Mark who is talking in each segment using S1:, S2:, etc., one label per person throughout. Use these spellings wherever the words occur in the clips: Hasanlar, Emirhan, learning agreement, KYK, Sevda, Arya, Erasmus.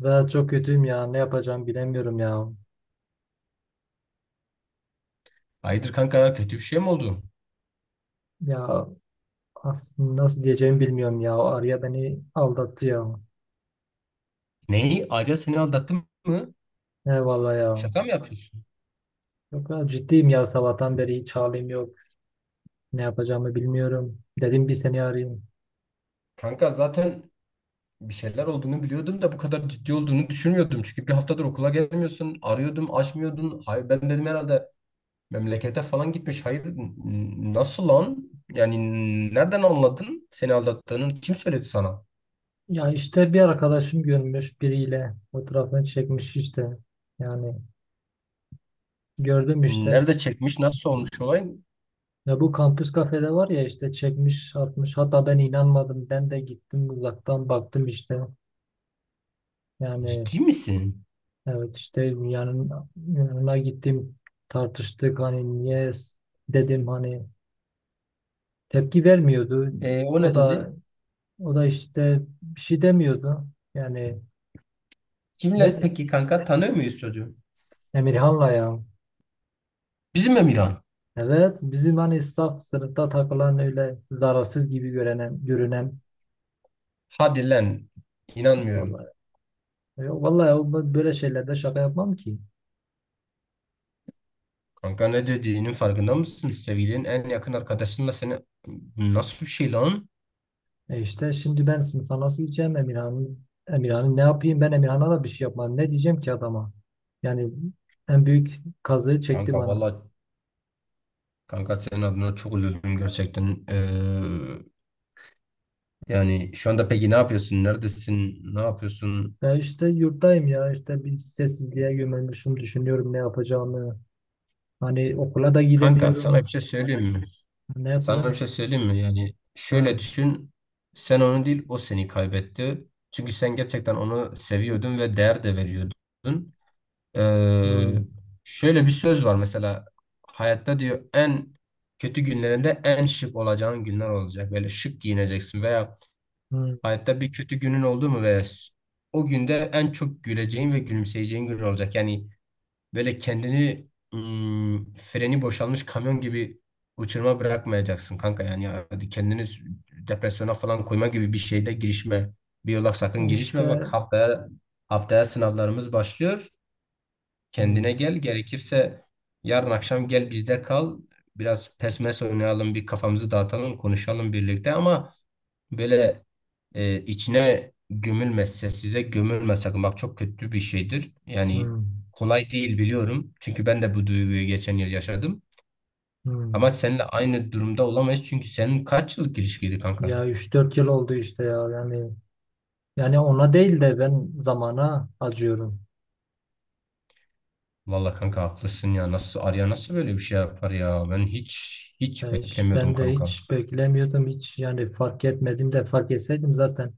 S1: Ve çok kötüyüm ya. Ne yapacağım bilemiyorum ya.
S2: Hayırdır kanka kötü bir şey mi oldu?
S1: Ya aslında nasıl diyeceğimi bilmiyorum ya. O Arya beni aldattı ya.
S2: Neyi? Ayrıca seni aldattım mı?
S1: Eyvallah ya.
S2: Şaka mı yapıyorsun?
S1: Çok ya, ciddiyim ya. Sabahtan beri hiç halim yok. Ne yapacağımı bilmiyorum. Dedim bir seni arayayım.
S2: Kanka zaten bir şeyler olduğunu biliyordum da bu kadar ciddi olduğunu düşünmüyordum. Çünkü bir haftadır okula gelmiyorsun. Arıyordum, açmıyordun. Hayır, ben dedim herhalde memlekete falan gitmiş. Hayır, nasıl lan? Yani nereden anladın seni aldattığını? Kim söyledi sana?
S1: Ya işte bir arkadaşım görmüş biriyle. Fotoğrafını çekmiş işte. Yani gördüm işte.
S2: Nerede çekmiş? Nasıl olmuş olay?
S1: Ya bu kampüs kafede var ya, işte çekmiş atmış. Hatta ben inanmadım. Ben de gittim uzaktan baktım işte. Yani.
S2: Ciddi misin?
S1: Evet, işte yanına gittim, tartıştık, hani niye dedim, hani tepki vermiyordu.
S2: O ne
S1: O
S2: dedi?
S1: da o da işte bir şey demiyordu. Yani. ne
S2: Kimle
S1: de-
S2: peki kanka? Tanıyor muyuz çocuğu?
S1: Emirhan'la ya.
S2: Bizim Emirhan.
S1: Evet, bizim, hani saf sınıfta takılan, öyle zararsız gibi görünen
S2: Hadi lan. İnanmıyorum.
S1: vallahi. Vallahi, ben böyle şeylerde şaka yapmam ki.
S2: Kanka ne dediğinin farkında mısın? Sevgilinin en yakın arkadaşınla seni nasıl bir şey lan?
S1: E işte, şimdi ben sınıfa nasıl gideceğim? Emirhan'ın ne yapayım? Ben Emirhan'a da bir şey yapmadım. Ne diyeceğim ki adama? Yani en büyük kazığı çekti
S2: Kanka
S1: bana.
S2: valla kanka senin adına çok üzüldüm gerçekten. Yani şu anda peki ne yapıyorsun? Neredesin? Ne yapıyorsun?
S1: Ya işte yurttayım ya, işte bir sessizliğe gömülmüşüm, düşünüyorum ne yapacağımı. Hani okula da
S2: Kanka sana bir
S1: gidemiyorum.
S2: şey söyleyeyim mi?
S1: Ne
S2: Sana
S1: yapacağım
S2: bir şey
S1: ki?
S2: söyleyeyim mi? Yani şöyle
S1: Ha.
S2: düşün. Sen onu değil o seni kaybetti. Çünkü sen gerçekten onu seviyordun ve değer de veriyordun. Ee,
S1: Hmm,
S2: Şöyle bir söz var mesela hayatta diyor en kötü günlerinde en şık olacağın günler olacak. Böyle şık giyineceksin veya
S1: hmm.
S2: hayatta bir kötü günün oldu mu veya o günde en çok güleceğin ve gülümseyeceğin gün olacak. Yani böyle kendini freni boşalmış kamyon gibi uçuruma bırakmayacaksın kanka. Yani hadi kendini depresyona falan koyma gibi bir şeyde girişme. Bir yola sakın girişme. Bak
S1: İşte,
S2: haftaya haftaya sınavlarımız başlıyor.
S1: hmm,
S2: Kendine gel gerekirse yarın akşam gel bizde kal. Biraz pesmes oynayalım, bir kafamızı dağıtalım, konuşalım birlikte ama böyle içine gömülmezse size gömülme sakın. Bak çok kötü bir şeydir. Yani
S1: hmm,
S2: kolay değil biliyorum. Çünkü ben de bu duyguyu geçen yıl yaşadım. Ama
S1: hmm.
S2: seninle aynı durumda olamayız. Çünkü senin kaç yıllık ilişkiydi kanka?
S1: Ya 3-4 yıl oldu işte ya, yani ona değil de ben zamana acıyorum.
S2: Valla kanka haklısın ya. Nasıl Arya nasıl böyle bir şey yapar ya? Ben hiç hiç beklemiyordum
S1: Ben de
S2: kanka.
S1: hiç beklemiyordum, hiç, yani fark etmedim de, fark etseydim zaten.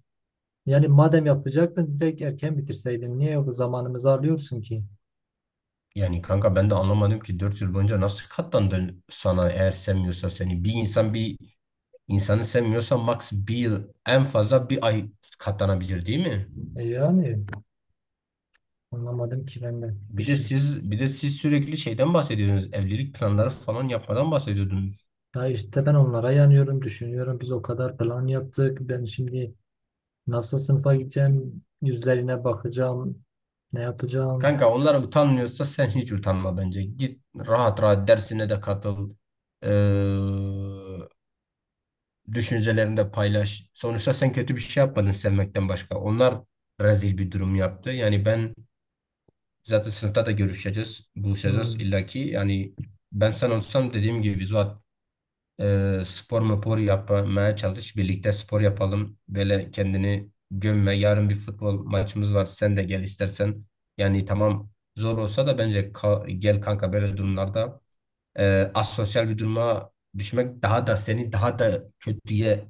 S1: Yani madem yapacaktın, direkt erken bitirseydin. Niye o zamanımızı alıyorsun ki?
S2: Yani kanka ben de anlamadım ki 4 yıl boyunca nasıl katlandın sana eğer sevmiyorsa seni. Bir insan bir insanı sevmiyorsa max bir yıl en fazla bir ay katlanabilir değil mi?
S1: Yani anlamadım ki ben de bir
S2: Bir de
S1: şey.
S2: siz bir de siz sürekli şeyden bahsediyorsunuz. Evlilik planları falan yapmadan bahsediyordunuz.
S1: Ya işte ben onlara yanıyorum, düşünüyorum. Biz o kadar plan yaptık. Ben şimdi nasıl sınıfa gideceğim? Yüzlerine bakacağım. Ne yapacağım?
S2: Kanka onlar utanmıyorsa sen hiç utanma bence. Git rahat rahat dersine de katıl. Ee, Düşüncelerini de paylaş. Sonuçta sen kötü bir şey yapmadın sevmekten başka. Onlar rezil bir durum yaptı. Yani ben zaten sınıfta da görüşeceğiz, buluşacağız
S1: Hmm.
S2: illaki. Yani ben sen olsam dediğim gibi Zuhat, spor mupor yapmaya çalış. Birlikte spor yapalım. Böyle kendini gömme. Yarın bir futbol maçımız var. Sen de gel istersen. Yani tamam zor olsa da bence gel kanka, böyle durumlarda asosyal bir duruma düşmek daha da seni daha da kötüye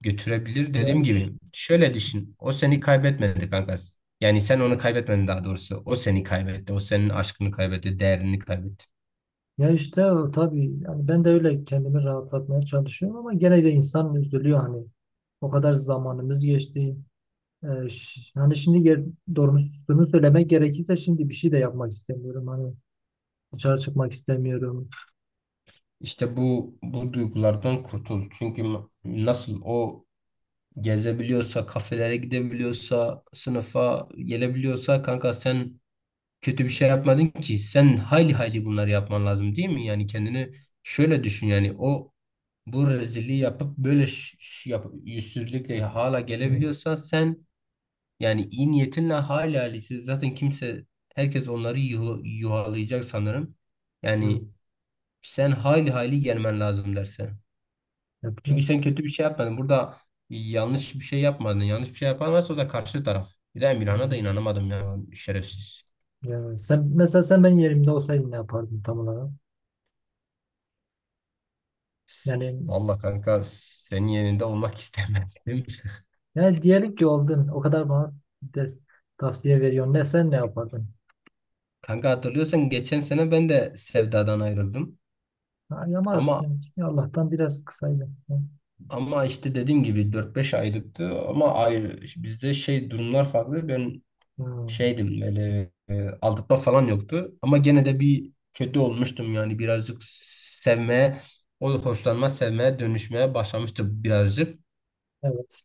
S2: götürebilir
S1: Ya.
S2: dediğim gibi. Şöyle düşün. O seni kaybetmedi kanka. Yani sen onu kaybetmedin daha doğrusu. O seni kaybetti. O senin aşkını kaybetti. Değerini kaybetti.
S1: İşte o tabii, yani ben de öyle kendimi rahatlatmaya çalışıyorum ama gene de insan üzülüyor hani. O kadar zamanımız geçti. Hani şimdi, doğrusunu söylemek gerekirse, şimdi bir şey de yapmak istemiyorum. Hani dışarı çıkmak istemiyorum.
S2: İşte bu duygulardan kurtul. Çünkü nasıl o gezebiliyorsa, kafelere gidebiliyorsa, sınıfa gelebiliyorsa kanka sen kötü bir şey yapmadın ki. Sen hayli hayli bunları yapman lazım değil mi? Yani kendini şöyle düşün, yani o bu rezilliği yapıp böyle yap, yüzsüzlükle hala gelebiliyorsan sen. Yani iyi niyetinle hala zaten kimse, herkes onları yuh yuhalayacak sanırım.
S1: Hmm.
S2: Yani sen hayli hayli gelmen lazım derse. Çünkü
S1: Yapmak
S2: sen kötü bir şey yapmadın. Burada yanlış bir şey yapmadın. Yanlış bir şey yapan varsa o da karşı taraf. Bir de Emirhan'a da
S1: istemiyorum.
S2: inanamadım ya şerefsiz.
S1: Ya sen mesela, sen benim yerimde olsaydın ne yapardın tam olarak? Yani,
S2: Vallahi kanka senin yerinde olmak istemezdim.
S1: diyelim ki oldun. O kadar bana des- tavsiye veriyorsun. Sen ne yapardın?
S2: Kanka hatırlıyorsan geçen sene ben de Sevda'dan ayrıldım.
S1: Ha,
S2: Ama
S1: yamazsın. Allah'tan biraz kısaydın.
S2: ama işte dediğim gibi dört beş aylıktı, ama ayrı, bizde şey durumlar farklı. Ben
S1: Hmm.
S2: şeydim böyle, aldatma falan yoktu. Ama gene de bir kötü olmuştum yani birazcık sevmeye, o hoşlanma sevmeye dönüşmeye başlamıştı birazcık.
S1: Evet.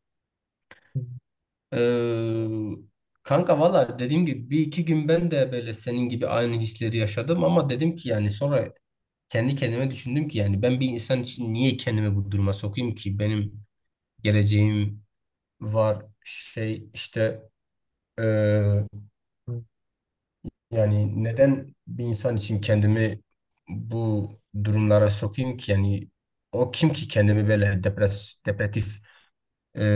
S1: Hmm.
S2: Ee, Kanka valla dediğim gibi bir iki gün ben de böyle senin gibi aynı hisleri yaşadım ama dedim ki yani sonra kendi kendime düşündüm ki yani ben bir insan için niye kendimi bu duruma sokayım ki, benim geleceğim var, şey işte, e, yani neden bir insan için kendimi bu durumlara sokayım ki? Yani o kim ki kendimi böyle depresif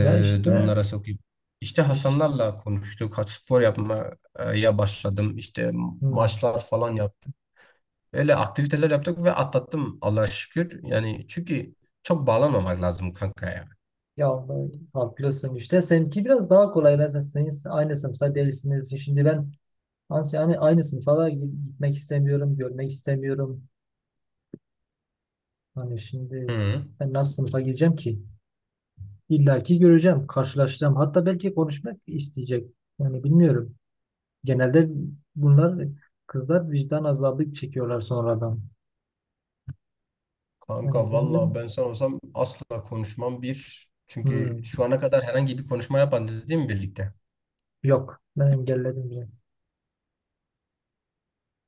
S1: Ya işte.
S2: durumlara sokayım? İşte
S1: iş
S2: Hasanlarla konuştuk. Haç spor yapmaya başladım. İşte
S1: hmm.
S2: maçlar falan yaptım. Öyle aktiviteler yaptık ve atlattım Allah'a şükür. Yani çünkü çok bağlanmamak lazım kanka ya.
S1: Ya, haklısın işte. Seninki biraz daha kolay, mesela senin aynı sınıfta değilsiniz. Şimdi ben, yani, aynı sınıfa da gitmek istemiyorum, görmek istemiyorum. Hani şimdi
S2: Hı.
S1: ben nasıl sınıfa gideceğim ki? İlla ki göreceğim, karşılaşacağım, hatta belki konuşmak isteyecek. Yani bilmiyorum, genelde bunlar, kızlar vicdan azabı çekiyorlar sonradan.
S2: Kanka
S1: Yani
S2: valla
S1: bilmiyorum.
S2: ben sen olsam asla konuşmam bir. Çünkü
S1: Hmm.
S2: şu ana kadar herhangi bir konuşma yapmadınız değil mi birlikte?
S1: Yok, ben engelledim bile.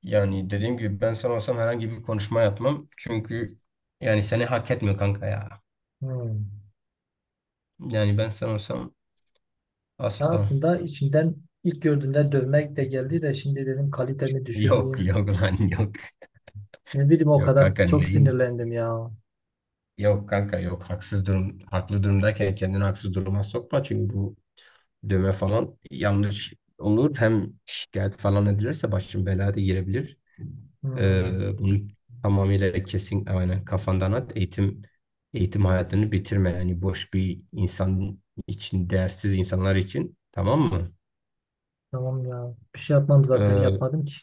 S2: Yani dediğim gibi ben sen olsam herhangi bir konuşma yapmam. Çünkü yani seni hak etmiyor kanka ya.
S1: Hmm.
S2: Yani ben sen olsam
S1: Ya
S2: asla.
S1: aslında içimden, ilk gördüğümde dövmek de geldi de, şimdi dedim kalitemi
S2: Yok
S1: düşürmeyeyim.
S2: yok lan yok.
S1: Ne bileyim, o
S2: Yok
S1: kadar
S2: kanka
S1: çok
S2: neyin?
S1: sinirlendim ya.
S2: Yok kanka yok. Haksız durum, haklı durumdayken kendini haksız duruma sokma. Çünkü bu dövme falan yanlış olur. Hem şikayet falan edilirse başın belaya da girebilir.
S1: Hmm,
S2: Bunu tamamıyla kesin yani kafandan at. Eğitim hayatını bitirme. Yani boş bir insan için, değersiz insanlar için. Tamam mı?
S1: tamam ya. Bir şey yapmam, zaten
S2: Ee,
S1: yapmadım ki.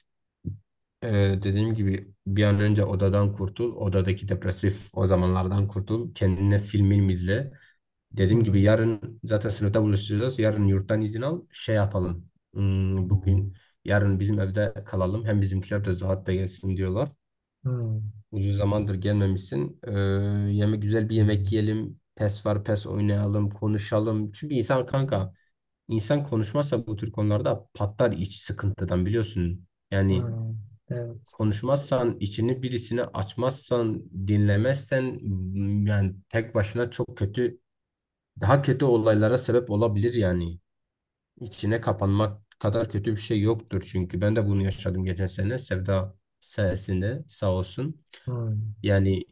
S2: e, Dediğim gibi bir an önce odadan kurtul. Odadaki depresif o zamanlardan kurtul. Kendine film milm izle. Dediğim gibi
S1: Hmm,
S2: yarın zaten sınıfta buluşacağız. Yarın yurttan izin al. Şey yapalım. Hmm, bugün yarın bizim evde kalalım. Hem bizimkiler de Zuhat da gelsin diyorlar.
S1: hmm,
S2: Uzun zamandır gelmemişsin. Yeme güzel bir yemek yiyelim. PES var, PES oynayalım, konuşalım. Çünkü insan kanka, insan konuşmazsa bu tür konularda patlar iç sıkıntıdan biliyorsun. Yani
S1: hmm, evet,
S2: konuşmazsan, içini birisine açmazsan, dinlemezsen, yani tek başına çok kötü, daha kötü olaylara sebep olabilir yani. İçine kapanmak kadar kötü bir şey yoktur, çünkü ben de bunu yaşadım geçen sene Sevda sayesinde sağ olsun.
S1: hmm,
S2: Yani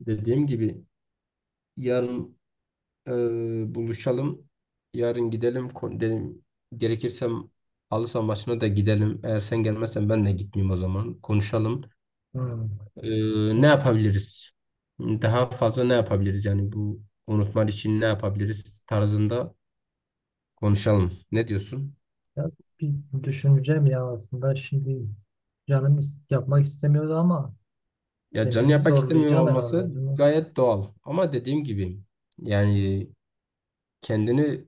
S2: dediğim gibi yarın, e, buluşalım. Yarın gidelim. Dedim, gerekirse halı saha maçına da gidelim. Eğer sen gelmezsen ben de gitmeyeyim o zaman. Konuşalım.
S1: hmm.
S2: E, Ne
S1: Ya,
S2: yapabiliriz? Daha fazla ne yapabiliriz? Yani bu unutmak için ne yapabiliriz tarzında konuşalım. Ne diyorsun?
S1: ya, bir düşüneceğim ya. Aslında şimdi canım yapmak istemiyordu, ama
S2: Ya canı
S1: kendimi
S2: yapmak istemiyor
S1: zorlayacağım herhalde.
S2: olması
S1: Bilmiyorum.
S2: gayet doğal. Ama dediğim gibi yani kendini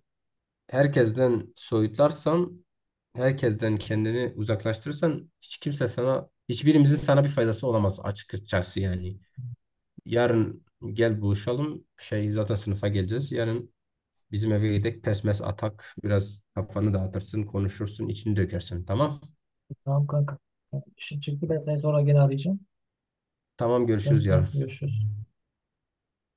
S2: herkesten soyutlarsan, herkesten kendini uzaklaştırırsan hiç kimse sana, hiçbirimizin sana bir faydası olamaz açıkçası yani. Yarın gel buluşalım. Şey zaten sınıfa geleceğiz. Yarın bizim eve gidelim. Pesmes atak. Biraz kafanı dağıtırsın, konuşursun, içini dökersin. Tamam.
S1: Tamam kanka. İşin çıktı, ben seni sonra gene arayacağım.
S2: Tamam
S1: Tamam,
S2: görüşürüz
S1: hadi
S2: yarın.
S1: görüşürüz.